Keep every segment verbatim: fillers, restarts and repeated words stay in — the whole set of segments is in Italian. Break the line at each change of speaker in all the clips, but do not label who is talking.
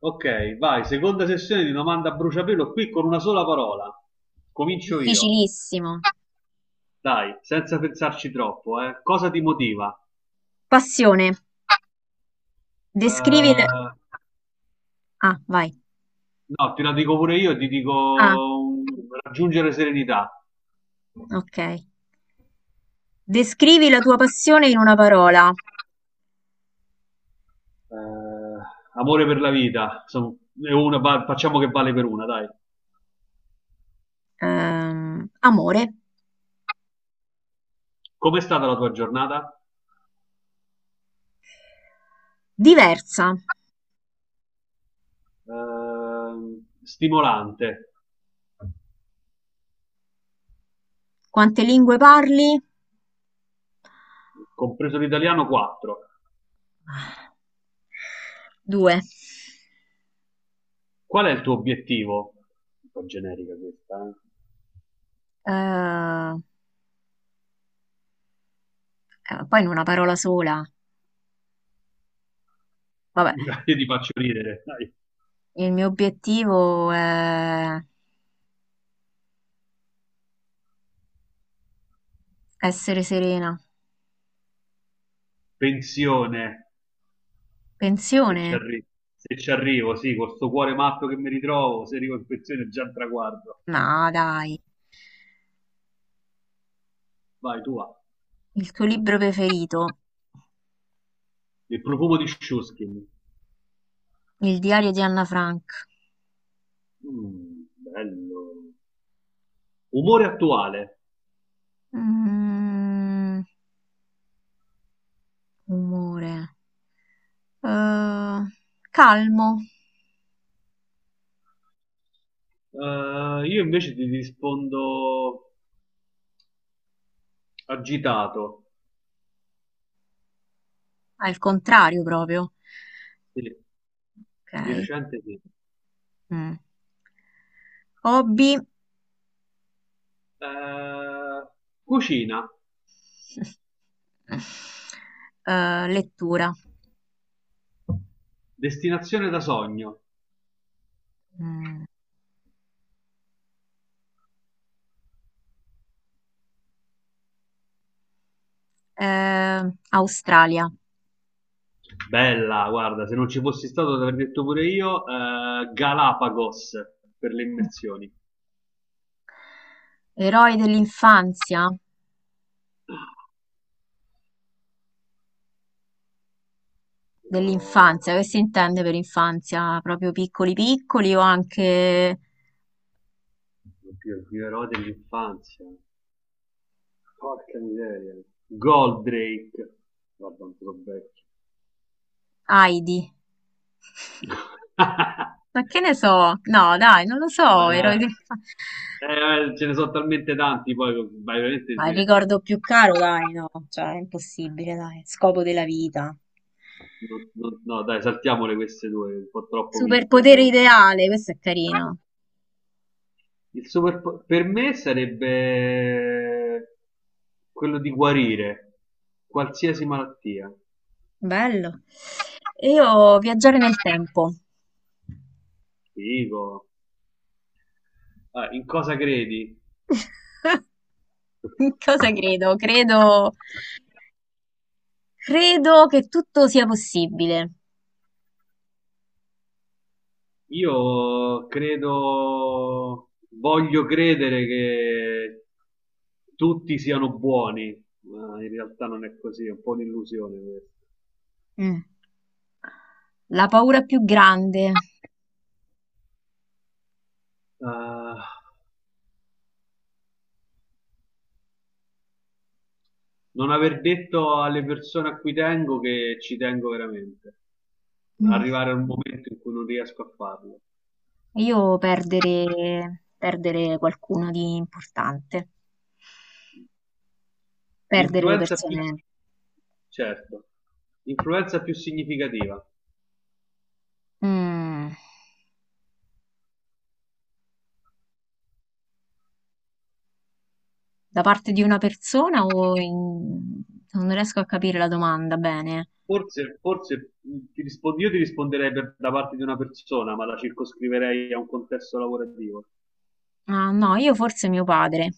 Ok, vai, seconda sessione di domanda a bruciapelo qui con una sola parola. Comincio io.
Difficilissimo.
Dai, senza pensarci troppo, eh. Cosa ti motiva?
Passione.
Eh,
Descrivi le-
no,
Ah, vai.
te la dico pure io, ti dico
Ah,
um, raggiungere serenità.
ok. Descrivi la tua passione in una parola.
Eh, amore per la vita, insomma, è una va- facciamo che vale per una, dai.
Ehm, amore.
Com'è stata la tua giornata?
Diversa.
Eh, stimolante,
Quante lingue parli?
compreso l'italiano quattro.
Due.
Qual è il tuo obiettivo? Un po' generica questa, eh.
Eh, eh, Poi in una parola sola. Vabbè,
Dai, io ti faccio ridere, dai.
il mio obiettivo è essere serena.
Pensione, se
Pensione?
ci arri- se ci arrivo, sì, con sto cuore matto che mi ritrovo, se arrivo in pensione è già un traguardo.
No, dai.
Vai, tu va.
Il tuo libro preferito?
Il profumo di Shuskin.
Il diario di Anna Frank.
Mm, bello. Umore attuale.
Mm, umore. Eh, calmo,
Eh, io invece ti rispondo agitato.
al contrario proprio.
Sì, di
Ok.
recente sì.
Mm. Hobby.
Eh, cucina,
Eh, lettura.
destinazione da sogno.
Mm. Eh, Australia.
Bella, guarda, se non ci fossi stato, l'avrei detto pure io. Eh, Galapagos per le immersioni.
Eroi dell'infanzia?
Oh,
Dell'infanzia, che si intende per infanzia? Proprio piccoli piccoli o anche
oddio, gli eroi dell'infanzia. Porca miseria. Goldrake. Guarda, un po' vecchio.
Heidi? Ma che ne so? No, dai, non lo so, eroi
Eh,
dell'infanzia.
eh, ce ne sono talmente tanti, poi vai veramente.
Ma il
Se-
ricordo più caro, dai, no, cioè è impossibile, dai, scopo della vita.
no, no, no, dai, saltiamole queste due, un po' troppo miste.
Superpotere
Andiamo.
ideale, questo è carino,
Il super po- per me sarebbe quello di guarire qualsiasi malattia.
bello. E io viaggiare nel tempo.
Figo. Ah, in cosa credi?
In cosa credo? Credo, credo che tutto sia possibile.
Io credo, voglio credere che tutti siano buoni, ma in realtà non è così, è un po' un'illusione questa.
Mm. La paura più grande.
Ah, non aver detto alle persone a cui tengo che ci tengo veramente.
Mm.
Arrivare a un momento in cui non riesco a farlo.
Io perdere, perdere qualcuno di importante, perdere le
L'influenza più,
persone.
certo, l'influenza più significativa.
Mm. Da parte di una persona o in- non riesco a capire la domanda bene.
Forse, forse mh, ti rispondo, io ti risponderei per- da parte di una persona, ma la circoscriverei a un contesto lavorativo.
Ah, no, io forse mio padre.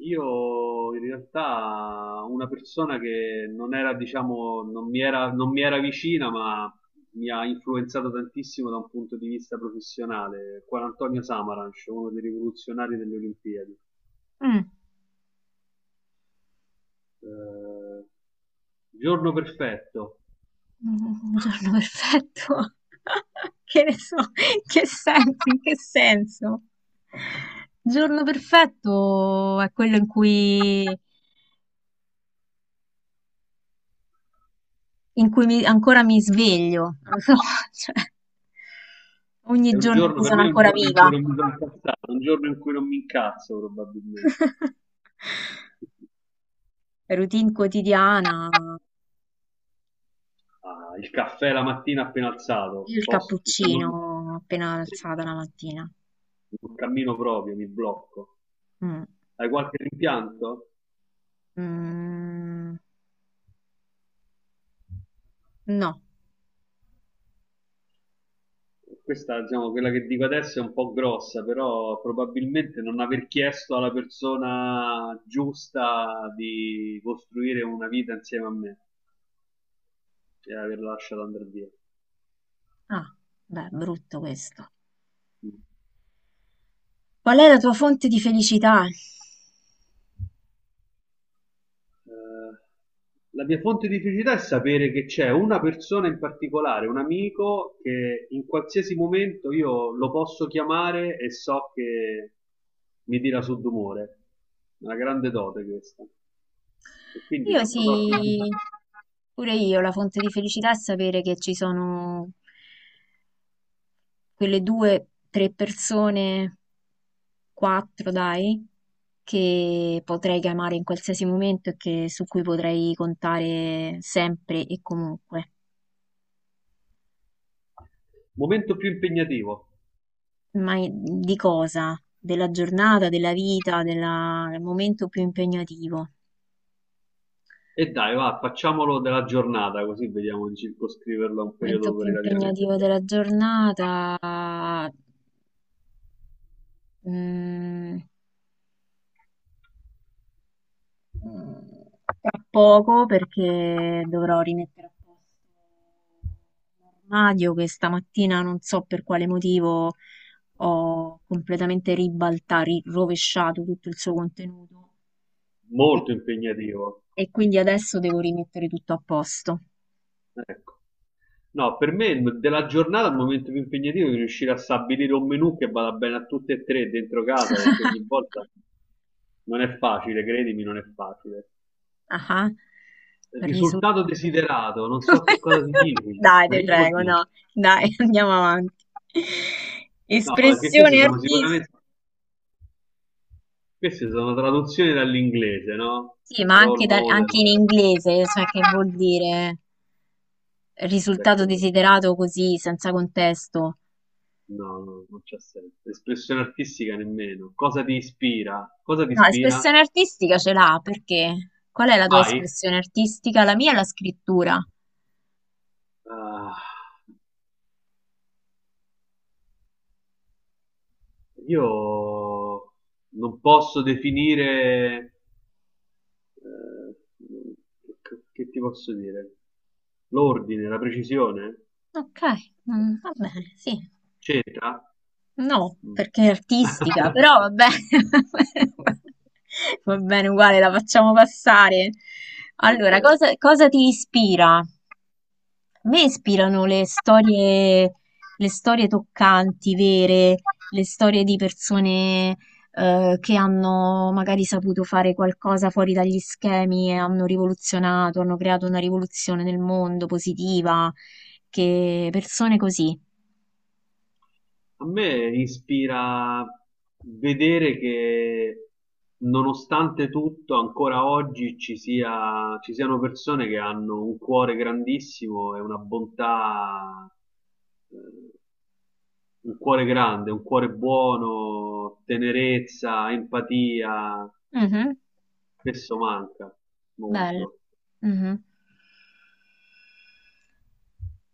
Io in realtà una persona che non era, diciamo, non mi era, non mi era vicina, ma mi ha influenzato tantissimo da un punto di vista professionale, Juan Antonio Samaranch, uno dei rivoluzionari delle Olimpiadi.
Mm.
Eh, giorno perfetto.
Un giorno perfetto. Che ne so, in che senso, in che senso? Giorno perfetto è quello in cui, in cui mi- ancora mi sveglio, non lo so, cioè,
È
ogni
un
giorno in
giorno,
cui
per
sono
me è un
ancora
giorno in cui
viva.
non mi sono incazzato, un giorno in cui non mi incazzo probabilmente.
Routine quotidiana,
Ah, il caffè la mattina appena alzato,
io il
post- se non-
cappuccino appena
sì,
alzata la mattina.
non cammino proprio, mi blocco.
Mm.
Hai qualche rimpianto?
Mm. No.
Questa, diciamo, quella che dico adesso è un po' grossa, però probabilmente non aver chiesto alla persona giusta di costruire una vita insieme a me e averla lasciata andare via.
Ah, beh, brutto questo. Qual è la tua fonte di felicità?
Eh, la mia fonte di felicità è sapere che c'è una persona in particolare, un amico, che in qualsiasi momento io lo posso chiamare e so che mi tira su d'umore. Una grande dote questa. E quindi
Io
quando so che ho bisogno...
sì, pure io, la fonte di felicità è sapere che ci sono quelle due, tre persone, quattro dai, che potrei chiamare in qualsiasi momento e che- su cui potrei contare sempre e comunque.
Momento più impegnativo.
Ma i- di cosa? Della giornata, della vita, della- Del momento più impegnativo. Il
E dai, va, facciamolo della giornata, così vediamo di circoscriverlo a un
momento
periodo
più
relativamente
impegnativo
breve.
della giornata, mm, tra poco perché dovrò rimettere a posto un armadio che stamattina non so per quale motivo ho completamente ribaltato, rovesciato tutto il suo contenuto e
Molto impegnativo.
e quindi adesso devo rimettere tutto a posto.
Ecco. No, per me il- della giornata il momento più impegnativo è riuscire a stabilire un menù che vada bene a tutte e tre dentro casa, perché ogni volta non è facile, credimi, non è facile.
Ah-ah. Risu
Risultato desiderato, non so che cosa significa,
Dai,
ma
ti
che vuol
prego,
dire?
no. Dai, andiamo avanti.
No, perché queste
Espressione
sono
artistica,
sicuramente, Queste sono traduzioni dall'inglese, no?
sì, ma
Role
anche, da-
model.
anche in inglese, cioè che vuol dire risultato
Aspetta, aspetta.
desiderato così, senza contesto.
No, no, non c'è senso. Espressione artistica nemmeno. Cosa ti ispira? Cosa ti
No,
ispira?
espressione artistica ce l'ha, perché? Qual è la tua
Vai.
espressione artistica? La mia è la scrittura.
Ah, io non posso definire, eh, che, che ti posso dire? L'ordine, la precisione?
Ok, mm, va bene, sì.
C'entra?
No,
Mm.
perché è artistica, però va bene, va bene uguale, la facciamo passare.
Ok.
Allora, cosa, cosa ti ispira? A me ispirano le storie, le storie toccanti, vere, le storie di persone, eh, che hanno magari saputo fare qualcosa fuori dagli schemi e hanno rivoluzionato, hanno creato una rivoluzione nel mondo positiva, che persone così.
A me ispira vedere che nonostante tutto, ancora oggi ci sia, ci siano persone che hanno un cuore grandissimo e una bontà, eh, un cuore grande, un cuore buono, tenerezza, empatia,
Mhm,
spesso manca
bello.
molto.
Mhm.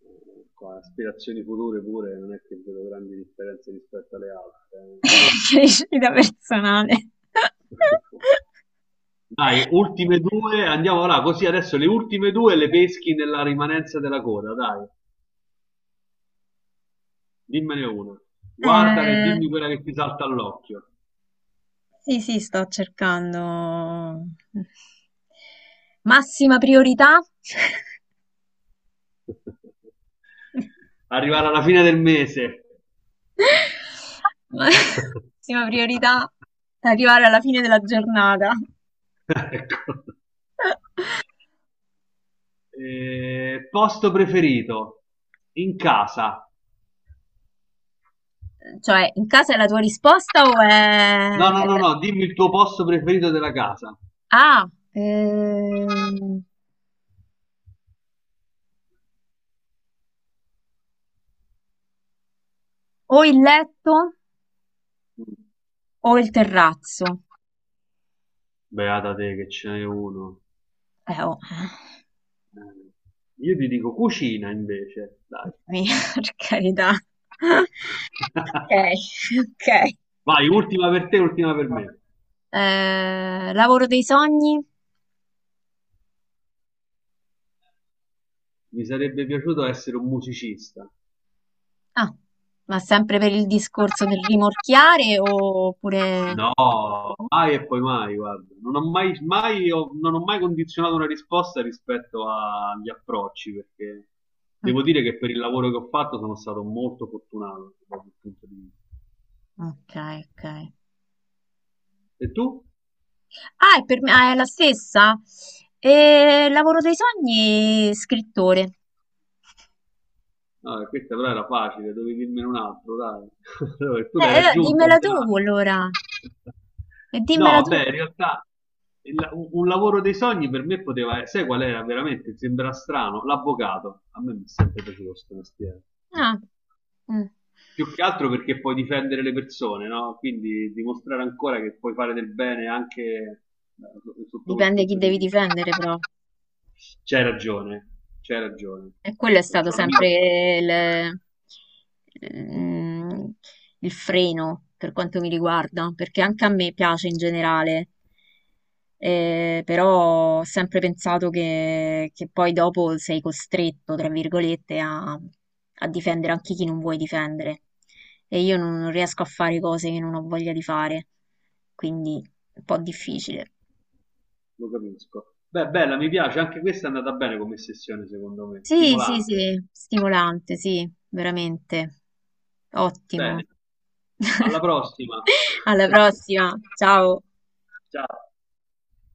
Eh, qua, aspirazioni future pure non è che vedo grandi differenze rispetto alle altre.
Crescita personale.
Eh. Dai, ultime due, andiamo là, così adesso le ultime due le peschi nella rimanenza della coda, dai, dimmene una. Guardala e
Eh,
dimmi quella che ti salta all'occhio.
sì, sì, sto cercando. Massima priorità.
Arrivare alla fine del mese.
Ma- massima priorità, arrivare alla fine della giornata.
Ecco. Eh, posto preferito in casa.
Cioè, in casa è la tua risposta o è...
No, no,
è
no,
la-
no, dimmi il tuo posto preferito della casa.
Ah, ehm, o il letto o il terrazzo.
Beata te che ce n'è uno.
Eh, oh.
Eh, Io ti dico cucina invece, dai.
Mia, per carità. Ok, ok.
Vai, ultima per te, ultima per me.
Eh, lavoro dei sogni?
Mi sarebbe piaciuto essere un musicista.
Ah, ma sempre per il discorso del rimorchiare oppure...
No, mai e poi mai, guarda. Non ho mai, mai- ho- non ho mai condizionato una risposta rispetto agli approcci, perché
Mm.
devo dire che per il lavoro che ho fatto sono stato molto fortunato da quel punto di vista.
Ok, ok.
E tu?
Ah, è, per me, ah, è la stessa? Eh, lavoro dei sogni, scrittore. Eh,
Ah, questa però era facile, dovevi dirmene un altro, dai. Allora, tu l'hai
eh,
raggiunta
dimmela tu
già.
allora. E dimmela
No,
tu.
beh, in realtà il- un un lavoro dei sogni per me poteva essere, sai qual era veramente? Sembra strano, l'avvocato. A me mi è sempre piaciuto questo mestiere.
Ah, mm.
Più che altro perché puoi difendere le persone, no? Quindi dimostrare ancora che puoi fare del bene anche, eh, so- sotto quel
Dipende chi
punto di
devi
vista.
difendere, però.
C'hai ragione, c'hai ragione.
E quello è stato
C'ho un amico,
sempre il, mm, il freno per quanto mi riguarda, perché anche a me piace in generale, eh, però ho sempre pensato che, che poi dopo sei costretto, tra virgolette, a, a difendere anche chi non vuoi difendere. E io non non riesco a fare cose che non ho voglia di fare, quindi è un po' difficile.
lo capisco. Beh, bella, mi piace, anche questa è andata bene come sessione, secondo me,
Sì, sì,
stimolante.
sì, stimolante, sì, veramente. Ottimo.
Bene, alla prossima.
Alla prossima, ciao!
Ciao.